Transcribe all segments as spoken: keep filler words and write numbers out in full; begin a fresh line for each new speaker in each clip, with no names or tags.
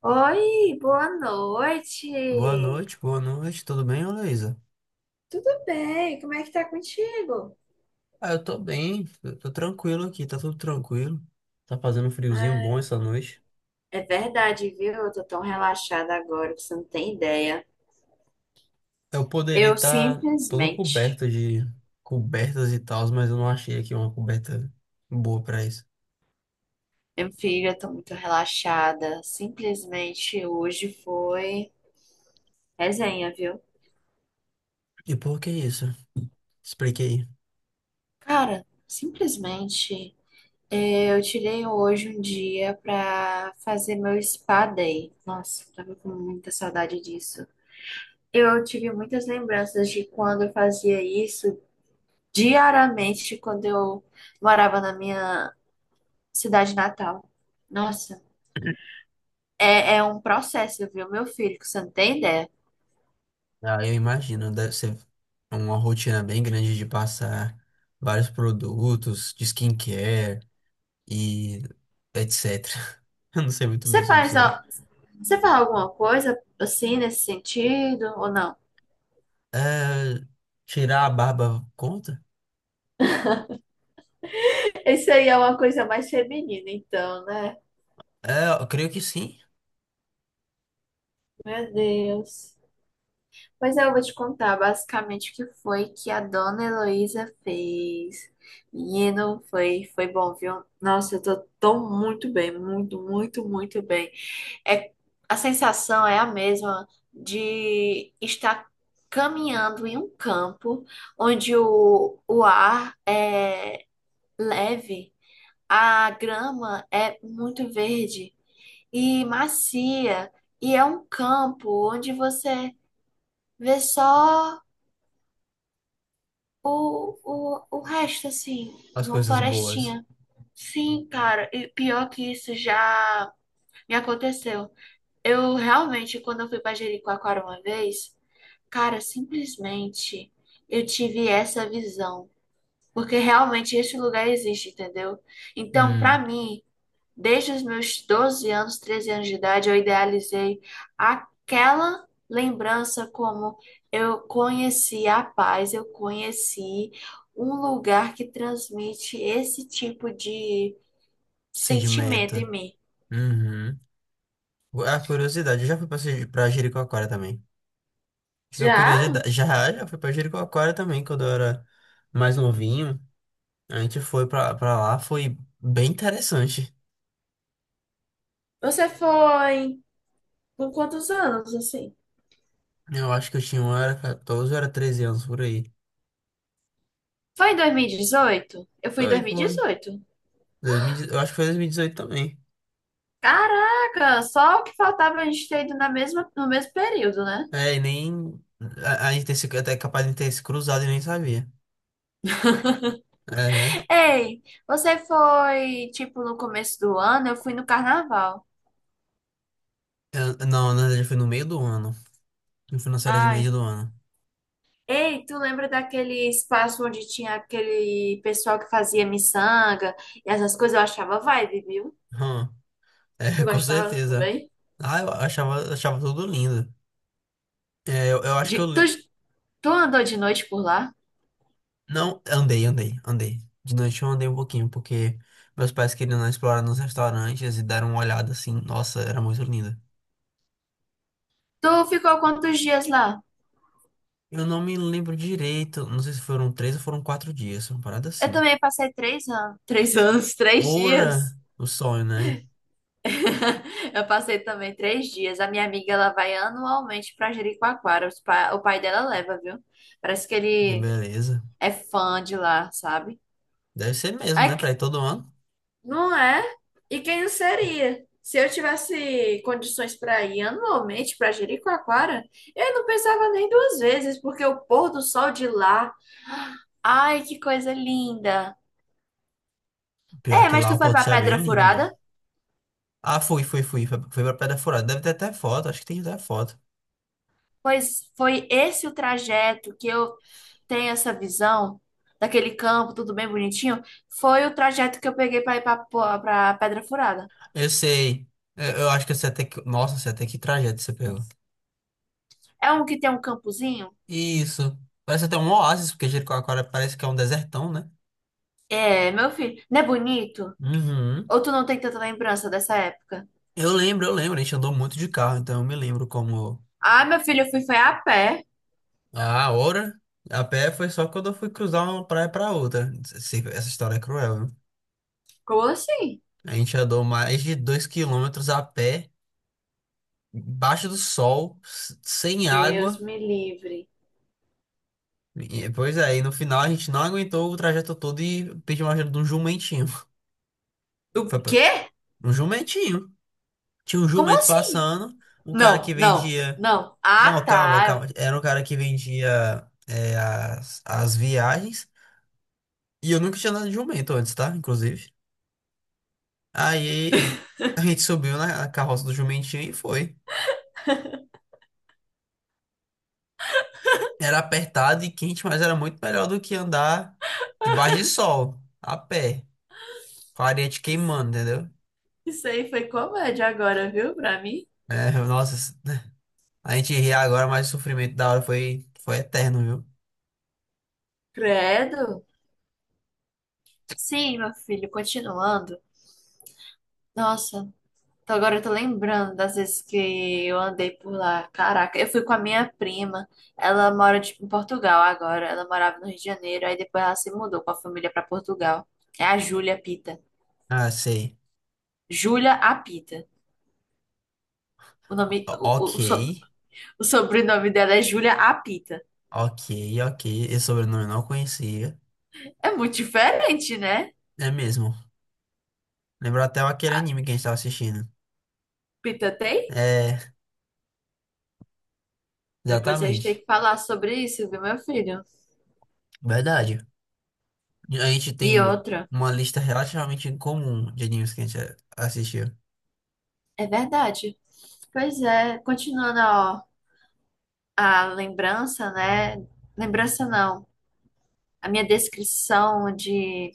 Oi, boa
Boa
noite.
noite, boa noite, tudo bem, ô Luísa?
Tudo bem, como é que tá contigo?
Ah, eu tô bem, eu tô tranquilo aqui, tá tudo tranquilo. Tá fazendo um friozinho bom
Ai,
essa noite.
é verdade, viu? Eu tô tão relaxada agora que você não tem ideia.
Eu poderia
Eu
estar todo
simplesmente,
coberto de cobertas e tals, mas eu não achei aqui uma coberta boa pra isso.
meu filho, eu tô muito relaxada. Simplesmente hoje foi resenha, viu?
E por que isso? Expliquei.
Cara, simplesmente eh, eu tirei hoje um dia pra fazer meu spa day. Nossa, tava com muita saudade disso. Eu tive muitas lembranças de quando eu fazia isso diariamente quando eu morava na minha cidade natal. Nossa, é, é um processo, viu, meu filho, que você não tem ideia.
Ah, eu imagino, deve ser uma rotina bem grande de passar vários produtos de skincare e etcétera Eu não sei muito bem
Você
sobre
faz,
isso, não.
ó, você faz alguma coisa assim nesse sentido ou não?
É, tirar a barba conta?
Isso aí é uma coisa mais feminina, então, né?
É, eu creio que sim.
Meu Deus. Pois é, eu vou te contar basicamente o que foi que a dona Heloísa fez. Menino, foi, foi bom, viu? Nossa, eu tô tão muito bem, muito, muito, muito bem. É, a sensação é a mesma de estar caminhando em um campo onde o, o ar é leve, a grama é muito verde e macia, e é um campo onde você vê só. O, o, o resto, assim,
As
uma
coisas boas.
florestinha. Sim, cara, e pior que isso já me aconteceu. Eu realmente, quando eu fui pra Jericoacoara uma vez, cara, simplesmente eu tive essa visão. Porque realmente esse lugar existe, entendeu? Então, pra
Hum,
mim, desde os meus doze anos, treze anos de idade, eu idealizei aquela lembrança como eu conheci a paz, eu conheci um lugar que transmite esse tipo de sentimento
sedimenta.
em mim.
Uhum. É. A curiosidade, eu já fui pra, Se- pra Jericoacoara também. Fica a
Já?
curiosidade. Já, já fui pra Jericoacoara também, quando eu era mais novinho. A gente foi pra, pra lá, foi bem interessante.
Você foi com quantos anos, assim?
Eu acho que eu tinha, eu era catorze, eu era treze anos por aí.
Foi em dois mil e dezoito. Eu fui em
Foi,
dois mil e
foi.
dezoito.
dois mil e dezoito. Eu acho que foi dois mil e dezoito também.
Caraca, só o que faltava a gente ter ido na mesma, no mesmo período, né?
É, e nem. A, a gente tem se- até capaz de ter se cruzado e nem sabia. É.
Ei, você foi, tipo, no começo do ano? Eu fui no carnaval.
é, Eu- não, na verdade foi no meio do ano. Eu fui nas férias de meio
Ai.
do ano.
Ei, tu lembra daquele espaço onde tinha aquele pessoal que fazia miçanga e essas coisas? Eu achava vibe, viu?
Hum, é,
Tu
com
gostava
certeza.
também?
Ah, eu achava, achava tudo lindo. É, eu, eu acho
De-
que eu.
tu,
li-
tu andou de noite por lá?
Não, andei, andei, andei. De noite eu andei um pouquinho, porque meus pais queriam explorar nos restaurantes e deram uma olhada assim. Nossa, era muito lindo.
Tu ficou quantos dias lá?
Eu não me lembro direito. Não sei se foram três ou foram quatro dias. Uma parada
Eu
assim.
também passei três anos. Três anos, três dias.
Ora, o sonho, né?
Eu passei também três dias. A minha amiga, ela vai anualmente pra Jericoacoara. Os pa- O pai dela leva, viu? Parece que
Que
ele
beleza.
é fã de lá, sabe?
Deve ser mesmo, né?
Aí, que-
Pra ir todo ano.
não é? E quem não seria? Se eu tivesse condições para ir anualmente para Jericoacoara, eu não pensava nem duas vezes, porque o pôr do sol de lá, ai, que coisa linda.
Pior
É,
que
mas
lá
tu
o
foi
pôr do
para
sol é bem
Pedra
lindo
Furada?
mesmo. Ah, fui, fui, fui. Foi, foi pra Pedra Furada. Deve ter até foto, acho que tem até foto.
Pois foi esse o trajeto que eu tenho essa visão daquele campo, tudo bem bonitinho, foi o trajeto que eu peguei para ir para Pedra Furada.
Eu sei. Eu, eu acho que eu sei até que. Nossa, eu sei até que trajeto você pegou.
É um que tem um campozinho?
Isso. Parece até um oásis, porque Jericoacoara parece que é um desertão, né?
É, meu filho, não é bonito?
Uhum.
Ou tu não tem tanta lembrança dessa época?
Eu lembro, eu lembro. A gente andou muito de carro, então eu me lembro como.
Ah, meu filho, eu fui foi a pé.
Ah, ora. A pé foi só quando eu fui cruzar uma praia pra outra. Se- Essa história é cruel, né?
Como assim?
A gente andou mais de dois quilômetros a pé, embaixo do sol, s- sem água.
Deus me livre.
E, pois é, e no final a gente não aguentou o trajeto todo e pediu uma ajuda de um jumentinho.
O
Foi pra...
quê?
Um jumentinho. Tinha um
Como
jumento
assim?
passando, um cara
Não,
que
não,
vendia.
não. Ah,
Não, calma,
tá.
calma. Era um cara que vendia é, as, as viagens. E eu nunca tinha andado de jumento antes, tá? Inclusive. Aí a gente subiu na na carroça do jumentinho e foi. Era apertado e quente, mas era muito melhor do que andar debaixo de sol, a pé, com a areia te queimando, entendeu?
Isso aí foi comédia agora, viu, pra mim?
É, nossa. A gente ri agora, mas o sofrimento da hora foi, foi eterno, viu?
Credo. Sim, meu filho, continuando. Nossa, então agora eu tô lembrando das vezes que eu andei por lá. Caraca, eu fui com a minha prima. Ela mora, tipo, em Portugal agora. Ela morava no Rio de Janeiro, aí depois ela se mudou com a família pra Portugal. É a Júlia Pita.
Ah, sei.
Júlia Apita. O nome,
O- o-
o,
ok,
o, so- O sobrenome dela é Júlia Apita.
ok, ok. Esse sobrenome eu não conhecia.
É muito diferente, né?
É mesmo. Lembrou até aquele anime que a gente tava assistindo.
Pita tem?
É,
Depois a gente tem
exatamente.
que falar sobre isso, viu, meu filho?
Verdade. A gente
E
tem
outra.
uma lista relativamente incomum de animes que a gente assistiu.
É verdade. Pois é, continuando, ó, a lembrança, né? Lembrança não. A minha descrição de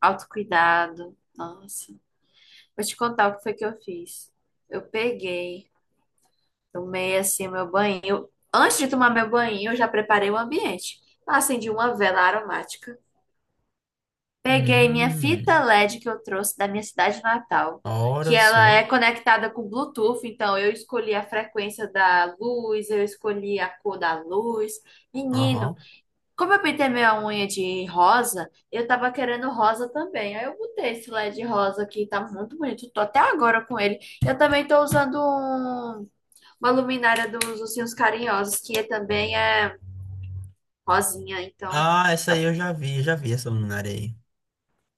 autocuidado. Nossa, vou te contar o que foi que eu fiz. Eu peguei, tomei assim meu banho. Antes de tomar meu banho, eu já preparei o ambiente. Eu acendi uma vela aromática. Peguei minha fita
Hum,
L E D que eu trouxe da minha cidade natal, que
olha
ela
só.
é conectada com Bluetooth, então eu escolhi a frequência da luz, eu escolhi a cor da luz. Menino,
Aham.
como eu pintei minha unha de rosa, eu tava querendo rosa também. Aí eu botei esse L E D rosa aqui, tá muito bonito. Tô até agora com ele. Eu também tô usando um- uma luminária dos Ursinhos Carinhosos, que é- também é rosinha, então.
Ah, essa aí eu já vi, eu já vi essa luminária aí.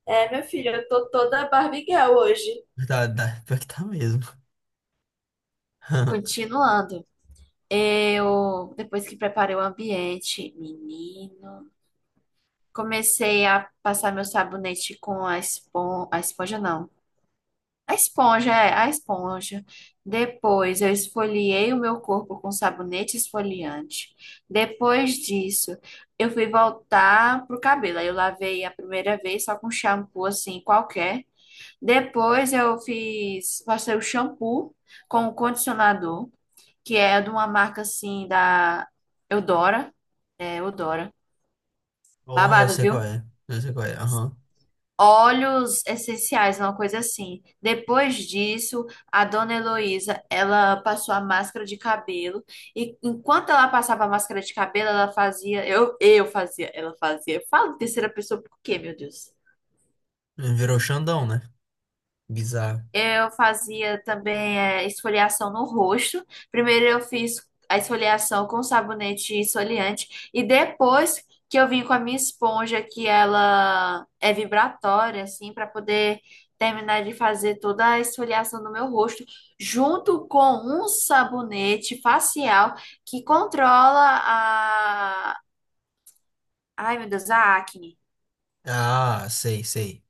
É, meu filho, eu tô toda Barbie Girl hoje.
Tá, tá, pior que tá mesmo.
Continuando. Eu, depois que preparei o ambiente, menino, comecei a passar meu sabonete com a esponja, a esponja não. A esponja, é, a esponja. Depois eu esfoliei o meu corpo com sabonete esfoliante. Depois disso, eu fui voltar pro cabelo. Aí eu lavei a primeira vez só com shampoo assim, qualquer. Depois eu fiz, passei o shampoo com o condicionador, que é de uma marca assim da Eudora, é Eudora.
Porra, eu
Babado,
sei qual
viu?
é. Eu sei qual é. Aham.
Óleos essenciais, uma coisa assim. Depois disso, a dona Heloísa, ela passou a máscara de cabelo e enquanto ela passava a máscara de cabelo, ela fazia, eu, eu fazia, ela fazia. Eu falo em terceira pessoa por quê, meu Deus?
Virou Xandão, né? Bizarro.
Eu fazia também é, esfoliação no rosto. Primeiro eu fiz a esfoliação com sabonete esfoliante e depois que eu vim com a minha esponja que ela é vibratória assim para poder terminar de fazer toda a esfoliação do meu rosto junto com um sabonete facial que controla a, ai meu Deus, a acne.
Ah, sei, sei.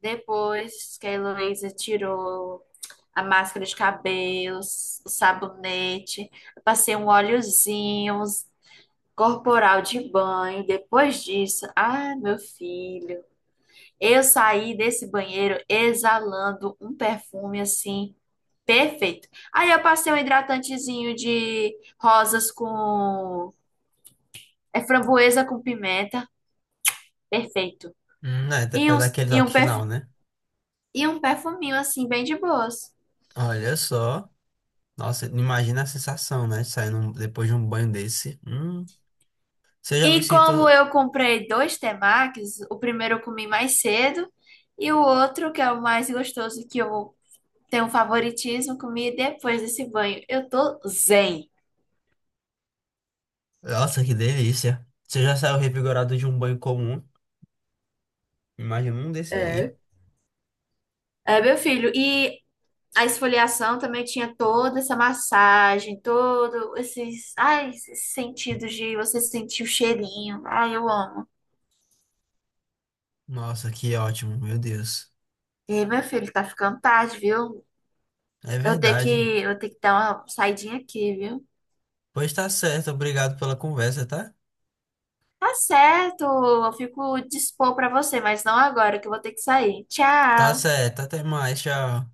Depois que a Heloísa tirou a máscara de cabelos, o sabonete, eu passei um óleozinho, uns corporal de banho. Depois disso, ah, meu filho, eu saí desse banheiro exalando um perfume assim perfeito. Aí eu passei um hidratantezinho de rosas com é framboesa com pimenta, perfeito.
Hum, é, até
E
pra dar
uns
aquele
e
toque
um
final,
perfu-
né?
e um perfuminho assim bem de boas.
Olha só. Nossa, imagina a sensação, né? Saindo um- depois de um banho desse. Hum, você já me
E como
sinto.
eu comprei dois temakis, o primeiro eu comi mais cedo e o outro, que é o mais gostoso, que eu tenho um favoritismo, comi depois desse banho. Eu tô zen.
Nossa, que delícia. Você já saiu revigorado de um banho comum? Imagina um desse aí.
É. É, meu filho, e a esfoliação também tinha toda essa massagem, todo esses, ai, esses sentidos de você sentir o cheirinho. Ai, eu amo.
Nossa, que ótimo, meu Deus.
E meu filho, tá ficando tarde, viu?
É
Eu tenho que,
verdade.
eu tenho que dar uma saidinha aqui, viu?
Pois tá certo, obrigado pela conversa, tá?
Tá certo, eu fico dispor pra você, mas não agora, que eu vou ter que sair.
Tá
Tchau!
certo, até mais, tchau.